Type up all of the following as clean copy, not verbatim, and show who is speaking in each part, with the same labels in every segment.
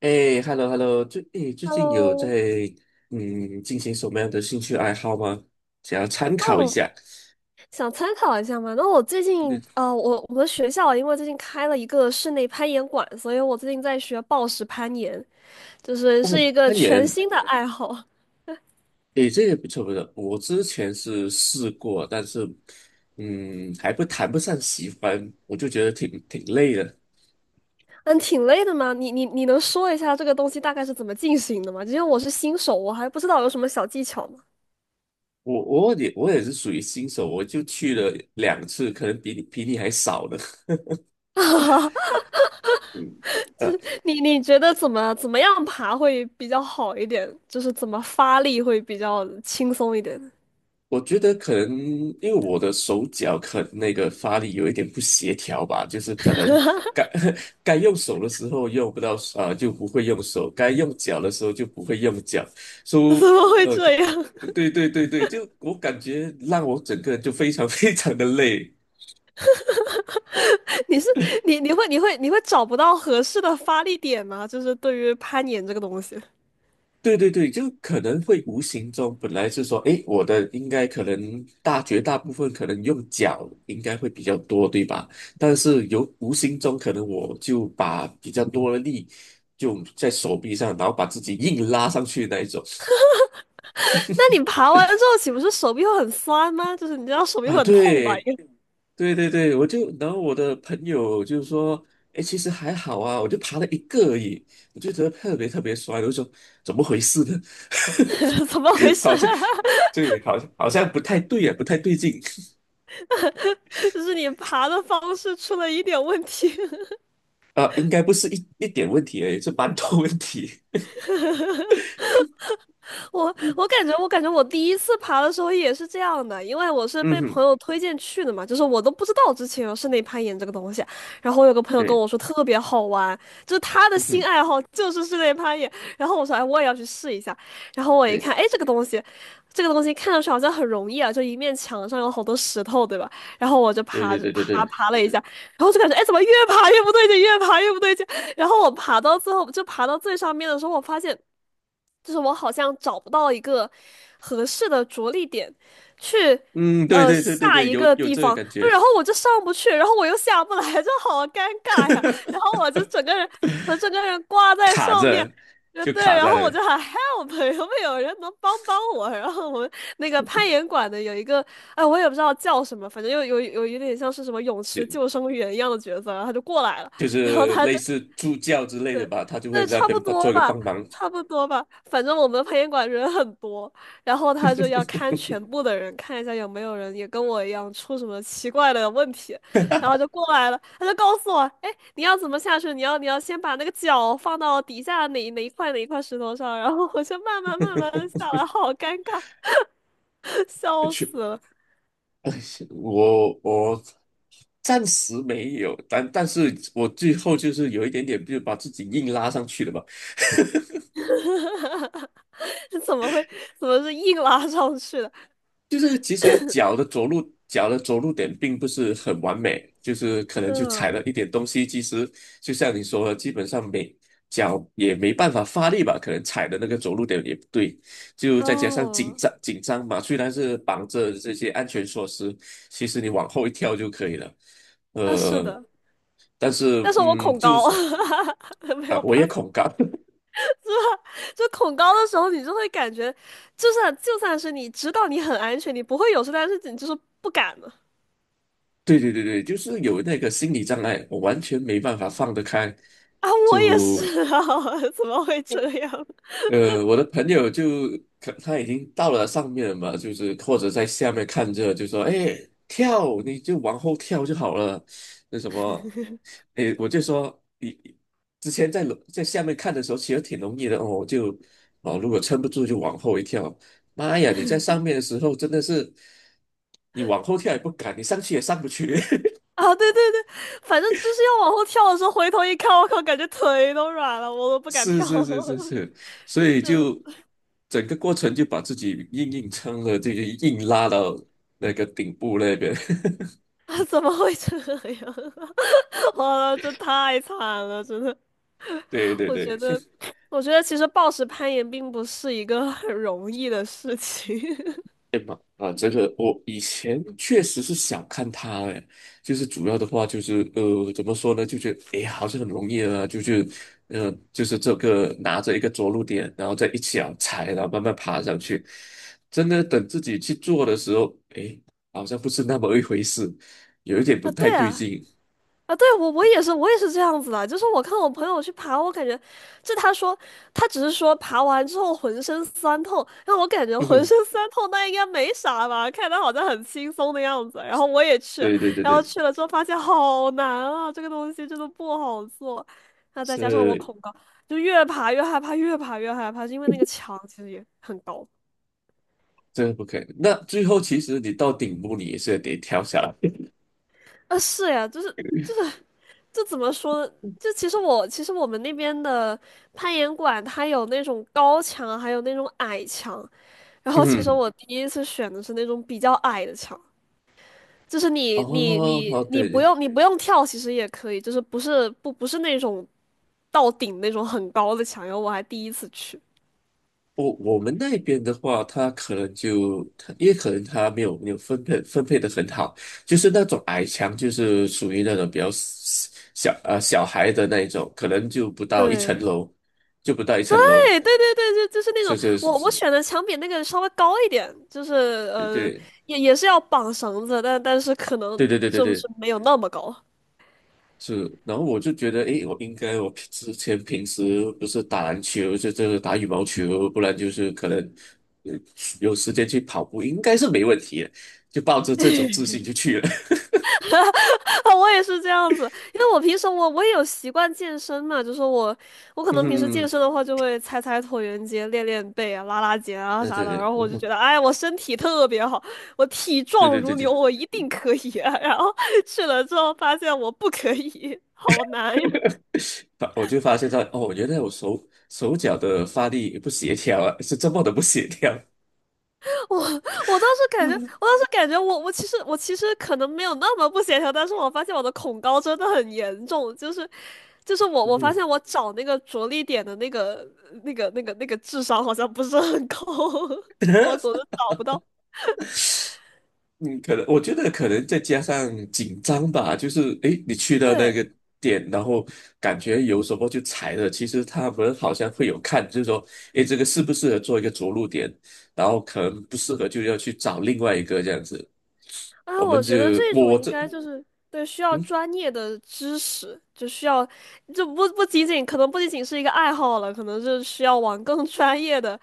Speaker 1: 哎，hello hello，最近有在
Speaker 2: Hello，
Speaker 1: 进行什么样的兴趣爱好吗？想要参考一
Speaker 2: 哦，
Speaker 1: 下。
Speaker 2: 想参考一下嘛？那我最
Speaker 1: 嗯
Speaker 2: 近，啊，我们学校啊因为最近开了一个室内攀岩馆，所以我最近在学暴石攀岩，就是是
Speaker 1: 哦，
Speaker 2: 一个
Speaker 1: 攀
Speaker 2: 全
Speaker 1: 岩，
Speaker 2: 新的爱好。
Speaker 1: 哎，这个不错不错。我之前是试过，但是还不谈不上喜欢，我就觉得挺累的。
Speaker 2: 嗯，挺累的嘛。你能说一下这个东西大概是怎么进行的吗？因为我是新手，我还不知道有什么小技巧呢。
Speaker 1: 我也是属于新手，我就去了2次，可能比你还少的。嗯呃
Speaker 2: 你觉得怎么样爬会比较好一点？就是怎么发力会比较轻松一点？
Speaker 1: 我觉得可能因为我的手脚可能那个发力有一点不协调吧，就是可能该 该用手的时候用不到啊就不会用手；该用脚的时候就不会用脚。所
Speaker 2: 怎
Speaker 1: 以
Speaker 2: 么会
Speaker 1: 呃，
Speaker 2: 这
Speaker 1: 可
Speaker 2: 样？
Speaker 1: 对对对对，就我感觉让我整个人就非常 非常的累。
Speaker 2: 你是你你会你会你会找不到合适的发力点吗？就是对于攀岩这个东西，
Speaker 1: 对对对，就可能会无形中，本来是说，诶，我的应该可能绝大部分可能用脚应该会比较多，对吧？但是有无形中可能我就把比较多的力就在手臂上，然后把自己硬拉上去那一种。
Speaker 2: 那你爬完之后岂不是手臂会很酸吗？就是你知道手臂
Speaker 1: 啊，
Speaker 2: 会很痛吧？
Speaker 1: 对，
Speaker 2: 应
Speaker 1: 对对对，我就然后我的朋友就是说，哎，其实还好啊，我就爬了一个而已，我就觉得特别特别酸，我就说怎么回事呢？
Speaker 2: 该 怎么回 事
Speaker 1: 好像
Speaker 2: 啊
Speaker 1: 对，好像不太对啊，不太对劲
Speaker 2: 就是你爬的方式出了一点问题。
Speaker 1: 啊，应该不是一点问题而已，是蛮多问题。
Speaker 2: 我感觉我第一次爬的时候也是这样的，因为我 是
Speaker 1: 嗯
Speaker 2: 被朋
Speaker 1: 哼，
Speaker 2: 友推荐去的嘛，就是我都不知道之前有室内攀岩这个东西。然后我有个朋友跟
Speaker 1: 对，
Speaker 2: 我说特别好玩，就是他的
Speaker 1: 嗯
Speaker 2: 新
Speaker 1: 哼，
Speaker 2: 爱好就是室内攀岩。然后我说，哎，我也要去试一下。然后我一
Speaker 1: 对，
Speaker 2: 看，哎，这个东西看上去好像很容易啊，就一面墙上有好多石头，对吧？然后我就
Speaker 1: 对
Speaker 2: 爬
Speaker 1: 对
Speaker 2: 着
Speaker 1: 对对
Speaker 2: 爬
Speaker 1: 对，
Speaker 2: 爬了一下，然后就感觉，哎，怎么越爬越不对劲，越爬越不对劲。然后我爬到最后，就爬到最上面的时候，我发现，就是我好像找不到一个合适的着力点去，
Speaker 1: 嗯，对对对对
Speaker 2: 下
Speaker 1: 对，
Speaker 2: 一
Speaker 1: 有
Speaker 2: 个
Speaker 1: 有
Speaker 2: 地
Speaker 1: 这个
Speaker 2: 方，
Speaker 1: 感觉，
Speaker 2: 然后我就上不去，然后我又下不来，就好尴尬呀。然后 我就整个人，我整个人挂在
Speaker 1: 卡
Speaker 2: 上面。
Speaker 1: 着就
Speaker 2: 对，
Speaker 1: 卡
Speaker 2: 然
Speaker 1: 在那
Speaker 2: 后我
Speaker 1: 里。
Speaker 2: 就喊 help,有没有人能帮帮我？然后我们那个攀岩馆的有一个，哎，我也不知道叫什么，反正又有一点像是什么泳池救生员一样的角色，然后他就过来了，
Speaker 1: 就
Speaker 2: 然后
Speaker 1: 是
Speaker 2: 他
Speaker 1: 类
Speaker 2: 就
Speaker 1: 似助教之类的
Speaker 2: 对，
Speaker 1: 吧，他就会
Speaker 2: 对，
Speaker 1: 在那
Speaker 2: 差不
Speaker 1: 边
Speaker 2: 多
Speaker 1: 做一个
Speaker 2: 吧，
Speaker 1: 帮忙。
Speaker 2: 差不多吧。反正我们培训馆人很多，然后他就要看 全部的人，看一下有没有人也跟我一样出什么奇怪的问题，然后就过来了，他就告诉我，哎，你要怎么下去？你要先把那个脚放到底下哪一块哪一块石头上，然后我就慢慢的下来，好尴尬，笑
Speaker 1: 去，
Speaker 2: 死了，
Speaker 1: 我暂时没有，但是我最后就是有一点点，就是把自己硬拉上去的吧。
Speaker 2: 这怎么会怎么是硬拉上去的？
Speaker 1: 就是其实脚的着陆点并不是很完美，就是可能就踩
Speaker 2: 嗯，
Speaker 1: 了一点东西。其实就像你说的，基本上没脚也没办法发力吧，可能踩的那个着陆点也不对，就再加上紧
Speaker 2: 哦，
Speaker 1: 张紧张嘛，虽然是绑着这些安全措施，其实你往后一跳就可以了。
Speaker 2: 那是
Speaker 1: 呃，
Speaker 2: 的，
Speaker 1: 但是
Speaker 2: 但是我恐
Speaker 1: 就
Speaker 2: 高，
Speaker 1: 是
Speaker 2: 没
Speaker 1: 啊，
Speaker 2: 有
Speaker 1: 我也
Speaker 2: 办法。
Speaker 1: 恐高。
Speaker 2: 就恐高的时候，你就会感觉，就算是你知道你很安全，你不会有事，但是你就是不敢了。
Speaker 1: 对对对对，就是有那个心理障碍，我完全没办法放得开，
Speaker 2: 啊，我也
Speaker 1: 就
Speaker 2: 是啊，怎么会这样？
Speaker 1: 我的朋友就可他已经到了上面了嘛，就是或者在下面看着，就说："哎，跳，你就往后跳就好了。"那什么，哎，我就说你之前在下面看的时候，其实挺容易的哦，就哦，如果撑不住就往后一跳。妈呀，你在上面的时候真的是，你往后跳也不敢，你上去也上不去。
Speaker 2: 啊，对对对，反正就是要往后跳的时候，回头一看，我靠，感觉腿都软了，我都不敢
Speaker 1: 是
Speaker 2: 跳
Speaker 1: 是是是
Speaker 2: 了。
Speaker 1: 是，所 以
Speaker 2: 就
Speaker 1: 就整个过程就把自己硬撑了，这个硬拉到那个顶部那边。
Speaker 2: 啊，怎么会这样？哇，这太惨了，真的。
Speaker 1: 对对
Speaker 2: 我
Speaker 1: 对，
Speaker 2: 觉得，我觉得其实暴食攀岩并不是一个很容易的事情。
Speaker 1: 啊，这个我以前确实是想看他哎，就是主要的话就是怎么说呢，就觉得哎，好像很容易啊，就是就是这个拿着一个着陆点，然后再一脚踩，然后慢慢爬上去。真的等自己去做的时候，哎，好像不是那么一回事，有一点 不
Speaker 2: 啊，
Speaker 1: 太
Speaker 2: 对
Speaker 1: 对
Speaker 2: 啊。
Speaker 1: 劲。
Speaker 2: 啊，对，我也是这样子的。就是我看我朋友去爬，我感觉，就他说他只是说爬完之后浑身酸痛，让我感觉浑 身酸痛，那应该没啥吧？看他好像很轻松的样子。然后我也去，
Speaker 1: 对对对
Speaker 2: 然后
Speaker 1: 对，
Speaker 2: 去了之后发现好难啊，这个东西真的不好做。那再加上我
Speaker 1: 是
Speaker 2: 恐高，就越爬越害怕，越爬越害怕，就因为那个墙其实也很高。
Speaker 1: 这个不可以。那最后其实你到顶部，你也是得跳下来。
Speaker 2: 啊，是呀，就是。这怎么说呢？就其实我其实我们那边的攀岩馆，它有那种高墙，还有那种矮墙。然后其实
Speaker 1: 嗯，
Speaker 2: 我第一次选的是那种比较矮的墙，就是
Speaker 1: 哦
Speaker 2: 你你你
Speaker 1: 哦，
Speaker 2: 你
Speaker 1: 对
Speaker 2: 不
Speaker 1: 对，
Speaker 2: 用不用跳，其实也可以，就是不是那种到顶那种很高的墙。然后我还第一次去，
Speaker 1: 我们那边的话，他也可能他没有分配的很好，就是那种矮墙，就是属于那种比较小孩的那一种，可能就不到一层
Speaker 2: 对。
Speaker 1: 楼，就不到一层楼，
Speaker 2: 对，就就是那
Speaker 1: 是
Speaker 2: 种
Speaker 1: 是是
Speaker 2: 我
Speaker 1: 是，
Speaker 2: 选的墙比那个稍微高一点，就是呃
Speaker 1: 对
Speaker 2: 也是要绑绳子，但是可能
Speaker 1: 对对对对对
Speaker 2: 就
Speaker 1: 对
Speaker 2: 是
Speaker 1: 对，
Speaker 2: 没有那么高。
Speaker 1: 是，然后我就觉得，诶，我应该，我平之前平时不是打篮球，就这个打羽毛球，不然就是可能呃有时间去跑步，应该是没问题的，就抱着这种自信就去了。
Speaker 2: 我也是这样子，因为我平时也有习惯健身嘛，就是我我 可
Speaker 1: 嗯
Speaker 2: 能平时健
Speaker 1: 哼，
Speaker 2: 身的话就会踩踩椭圆机、练练背啊、拉拉肩啊
Speaker 1: 对
Speaker 2: 啥
Speaker 1: 对
Speaker 2: 的，
Speaker 1: 对，
Speaker 2: 然后
Speaker 1: 嗯
Speaker 2: 我就觉
Speaker 1: 哼，
Speaker 2: 得，哎，我身体特别好，我体
Speaker 1: 对
Speaker 2: 壮
Speaker 1: 对对
Speaker 2: 如牛，
Speaker 1: 对，
Speaker 2: 我一定可以啊。然后去了之后发现我不可以，好难呀。
Speaker 1: 我就发现到，哦，原来我手脚的发力不协调啊，是这么的不协调。
Speaker 2: 我我当时感觉，
Speaker 1: 嗯
Speaker 2: 我当时感觉我其实可能没有那么不协调，但是我发现我的恐高真的很严重，就是就是我
Speaker 1: 嗯
Speaker 2: 我发
Speaker 1: 哼。
Speaker 2: 现我找那个着力点的那个那个智商好像不是很高，我总 是找不到。
Speaker 1: 嗯，可能我觉得可能再加上紧张吧，就是诶，你去到那
Speaker 2: 对，
Speaker 1: 个点，然后感觉有什么就踩了，其实他们好像会有看，就是说，诶，这个适不适合做一个着陆点，然后可能不适合就要去找另外一个这样子。
Speaker 2: 啊，
Speaker 1: 我们
Speaker 2: 我
Speaker 1: 就
Speaker 2: 觉得这种
Speaker 1: 我
Speaker 2: 应
Speaker 1: 这，
Speaker 2: 该就是对需要
Speaker 1: 嗯，
Speaker 2: 专业的知识，就需要，就不不仅仅可能不仅仅是一个爱好了，可能是需要往更 专业的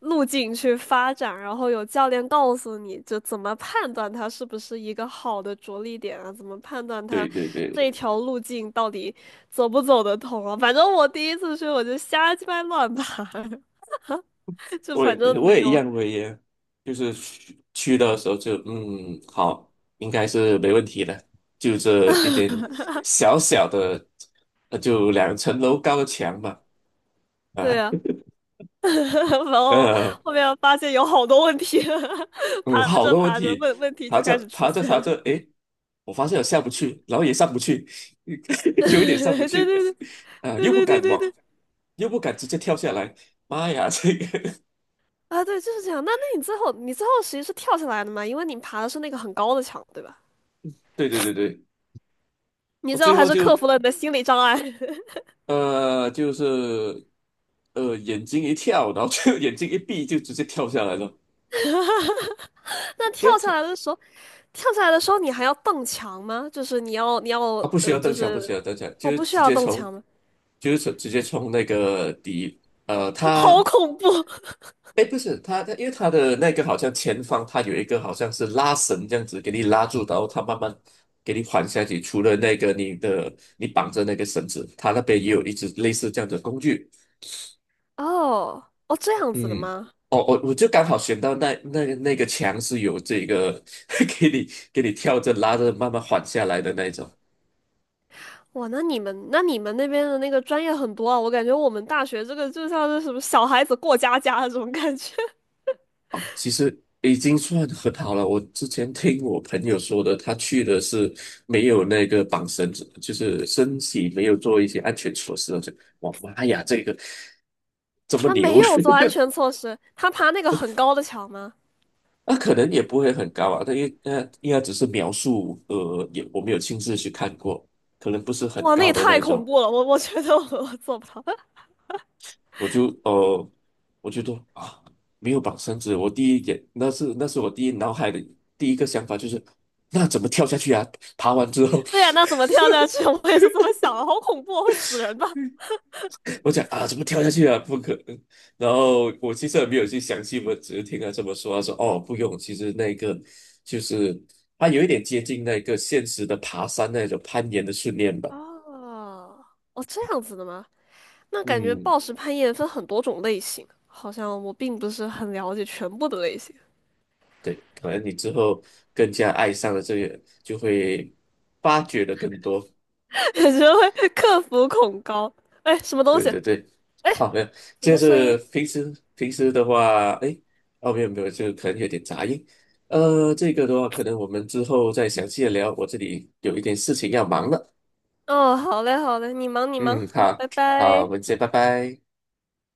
Speaker 2: 路径去发展，然后有教练告诉你就怎么判断它是不是一个好的着力点啊，怎么判断
Speaker 1: 对
Speaker 2: 它
Speaker 1: 对
Speaker 2: 这一
Speaker 1: 对，
Speaker 2: 条路径到底走不走得通啊。反正我第一次去我就瞎鸡巴乱爬，就
Speaker 1: 我
Speaker 2: 反正
Speaker 1: 也我
Speaker 2: 没
Speaker 1: 也一
Speaker 2: 有，
Speaker 1: 样，我也就是去的时候就好，应该是没问题的，就这一点小小的，就2层楼高的墙嘛。啊，
Speaker 2: 对啊。然后
Speaker 1: 呃，
Speaker 2: 后面发现有好多问题，
Speaker 1: 嗯，
Speaker 2: 爬
Speaker 1: 好
Speaker 2: 着
Speaker 1: 多问
Speaker 2: 爬着
Speaker 1: 题，
Speaker 2: 问题
Speaker 1: 爬
Speaker 2: 就
Speaker 1: 着
Speaker 2: 开始出
Speaker 1: 爬着
Speaker 2: 现
Speaker 1: 爬
Speaker 2: 了。
Speaker 1: 着，诶，我发现我下不去，然后也上不去，有一点上不
Speaker 2: 对对对
Speaker 1: 去，
Speaker 2: 对
Speaker 1: 啊，又不
Speaker 2: 对对
Speaker 1: 敢
Speaker 2: 对
Speaker 1: 往，
Speaker 2: 对
Speaker 1: 又不敢直接跳下来，妈呀，这个，
Speaker 2: 啊，对，就是这样。那那你最后其实是跳下来的嘛？因为你爬的是那个很高的墙，对吧？
Speaker 1: 对对对对，
Speaker 2: 你
Speaker 1: 我
Speaker 2: 最后
Speaker 1: 最
Speaker 2: 还
Speaker 1: 后
Speaker 2: 是克
Speaker 1: 就
Speaker 2: 服了你的心理障碍。
Speaker 1: 就是眼睛一跳，然后就 眼睛一闭就直接跳下来了，
Speaker 2: 那跳
Speaker 1: 因为
Speaker 2: 下
Speaker 1: 他
Speaker 2: 来的时候，跳下来的时候你还要蹬墙吗？就是你要
Speaker 1: 他不需
Speaker 2: 呃，
Speaker 1: 要蹬
Speaker 2: 就
Speaker 1: 墙，不需
Speaker 2: 是
Speaker 1: 要蹬墙，就
Speaker 2: 哦，
Speaker 1: 是
Speaker 2: 不需
Speaker 1: 直
Speaker 2: 要
Speaker 1: 接
Speaker 2: 蹬
Speaker 1: 从
Speaker 2: 墙吗？
Speaker 1: 就是直接冲那个底，
Speaker 2: 好
Speaker 1: 他。
Speaker 2: 恐怖
Speaker 1: 哎，不是他，他因为他的那个好像前方，他有一个好像是拉绳这样子给你拉住，然后他慢慢给你缓下去。除了那个你绑着那个绳子，他那边也有一只类似这样的工具。
Speaker 2: 哦哦，这样子的
Speaker 1: 嗯，
Speaker 2: 吗？
Speaker 1: 哦，我就刚好选到那个墙是有这个 给你给你跳着拉着慢慢缓下来的那一种。
Speaker 2: 哇，那你们那边的那个专业很多啊，我感觉我们大学这个就像是什么小孩子过家家 的这种感觉，
Speaker 1: 其实已经算很好了。我之前听我朋友说的，他去的是没有那个绑绳子，就是身体没有做一些安全措施，我妈呀，这个怎 么
Speaker 2: 他没
Speaker 1: 牛！
Speaker 2: 有做安全措施，他爬那个很高的墙吗？
Speaker 1: 那可能也不会很高啊，他应该只是描述，也我没有亲自去看过，可能不是很
Speaker 2: 哇，那
Speaker 1: 高
Speaker 2: 也
Speaker 1: 的那
Speaker 2: 太
Speaker 1: 一
Speaker 2: 恐
Speaker 1: 种。
Speaker 2: 怖了，我觉得我做不到。
Speaker 1: 我就呃，我觉得啊，没有绑绳子，我第一点那是我第一脑海的第一个想法就是，那怎么跳下去啊？爬完之后。
Speaker 2: 对呀、那怎么跳下去？我也是这么想的，好恐怖啊，会死人吧？
Speaker 1: 我讲啊，怎么跳下去啊？不可能。然后我其实也没有去详细，问，只是听他这么说。他说哦，不用，其实那个就是它有一点接近那个现实的爬山那种攀岩的训练 吧。
Speaker 2: 哦，哦，这样子的吗？那感觉
Speaker 1: 嗯，
Speaker 2: 暴食攀岩分很多种类型，好像我并不是很了解全部的类型，
Speaker 1: 对，可能你之后更加爱上了这个，就会发掘的更多。
Speaker 2: 感觉会克服恐高。哎，什么东
Speaker 1: 对
Speaker 2: 西？
Speaker 1: 对对，哦没有，
Speaker 2: 什
Speaker 1: 就
Speaker 2: 么声
Speaker 1: 是
Speaker 2: 音？
Speaker 1: 平时的话，哎，哦，没有没有，就可能有点杂音。这个的话，可能我们之后再详细的聊，我这里有一点事情要忙了。
Speaker 2: 哦，好嘞，好嘞，你忙你忙，
Speaker 1: 嗯，
Speaker 2: 好，
Speaker 1: 好，
Speaker 2: 拜
Speaker 1: 好，我
Speaker 2: 拜。
Speaker 1: 们先拜拜。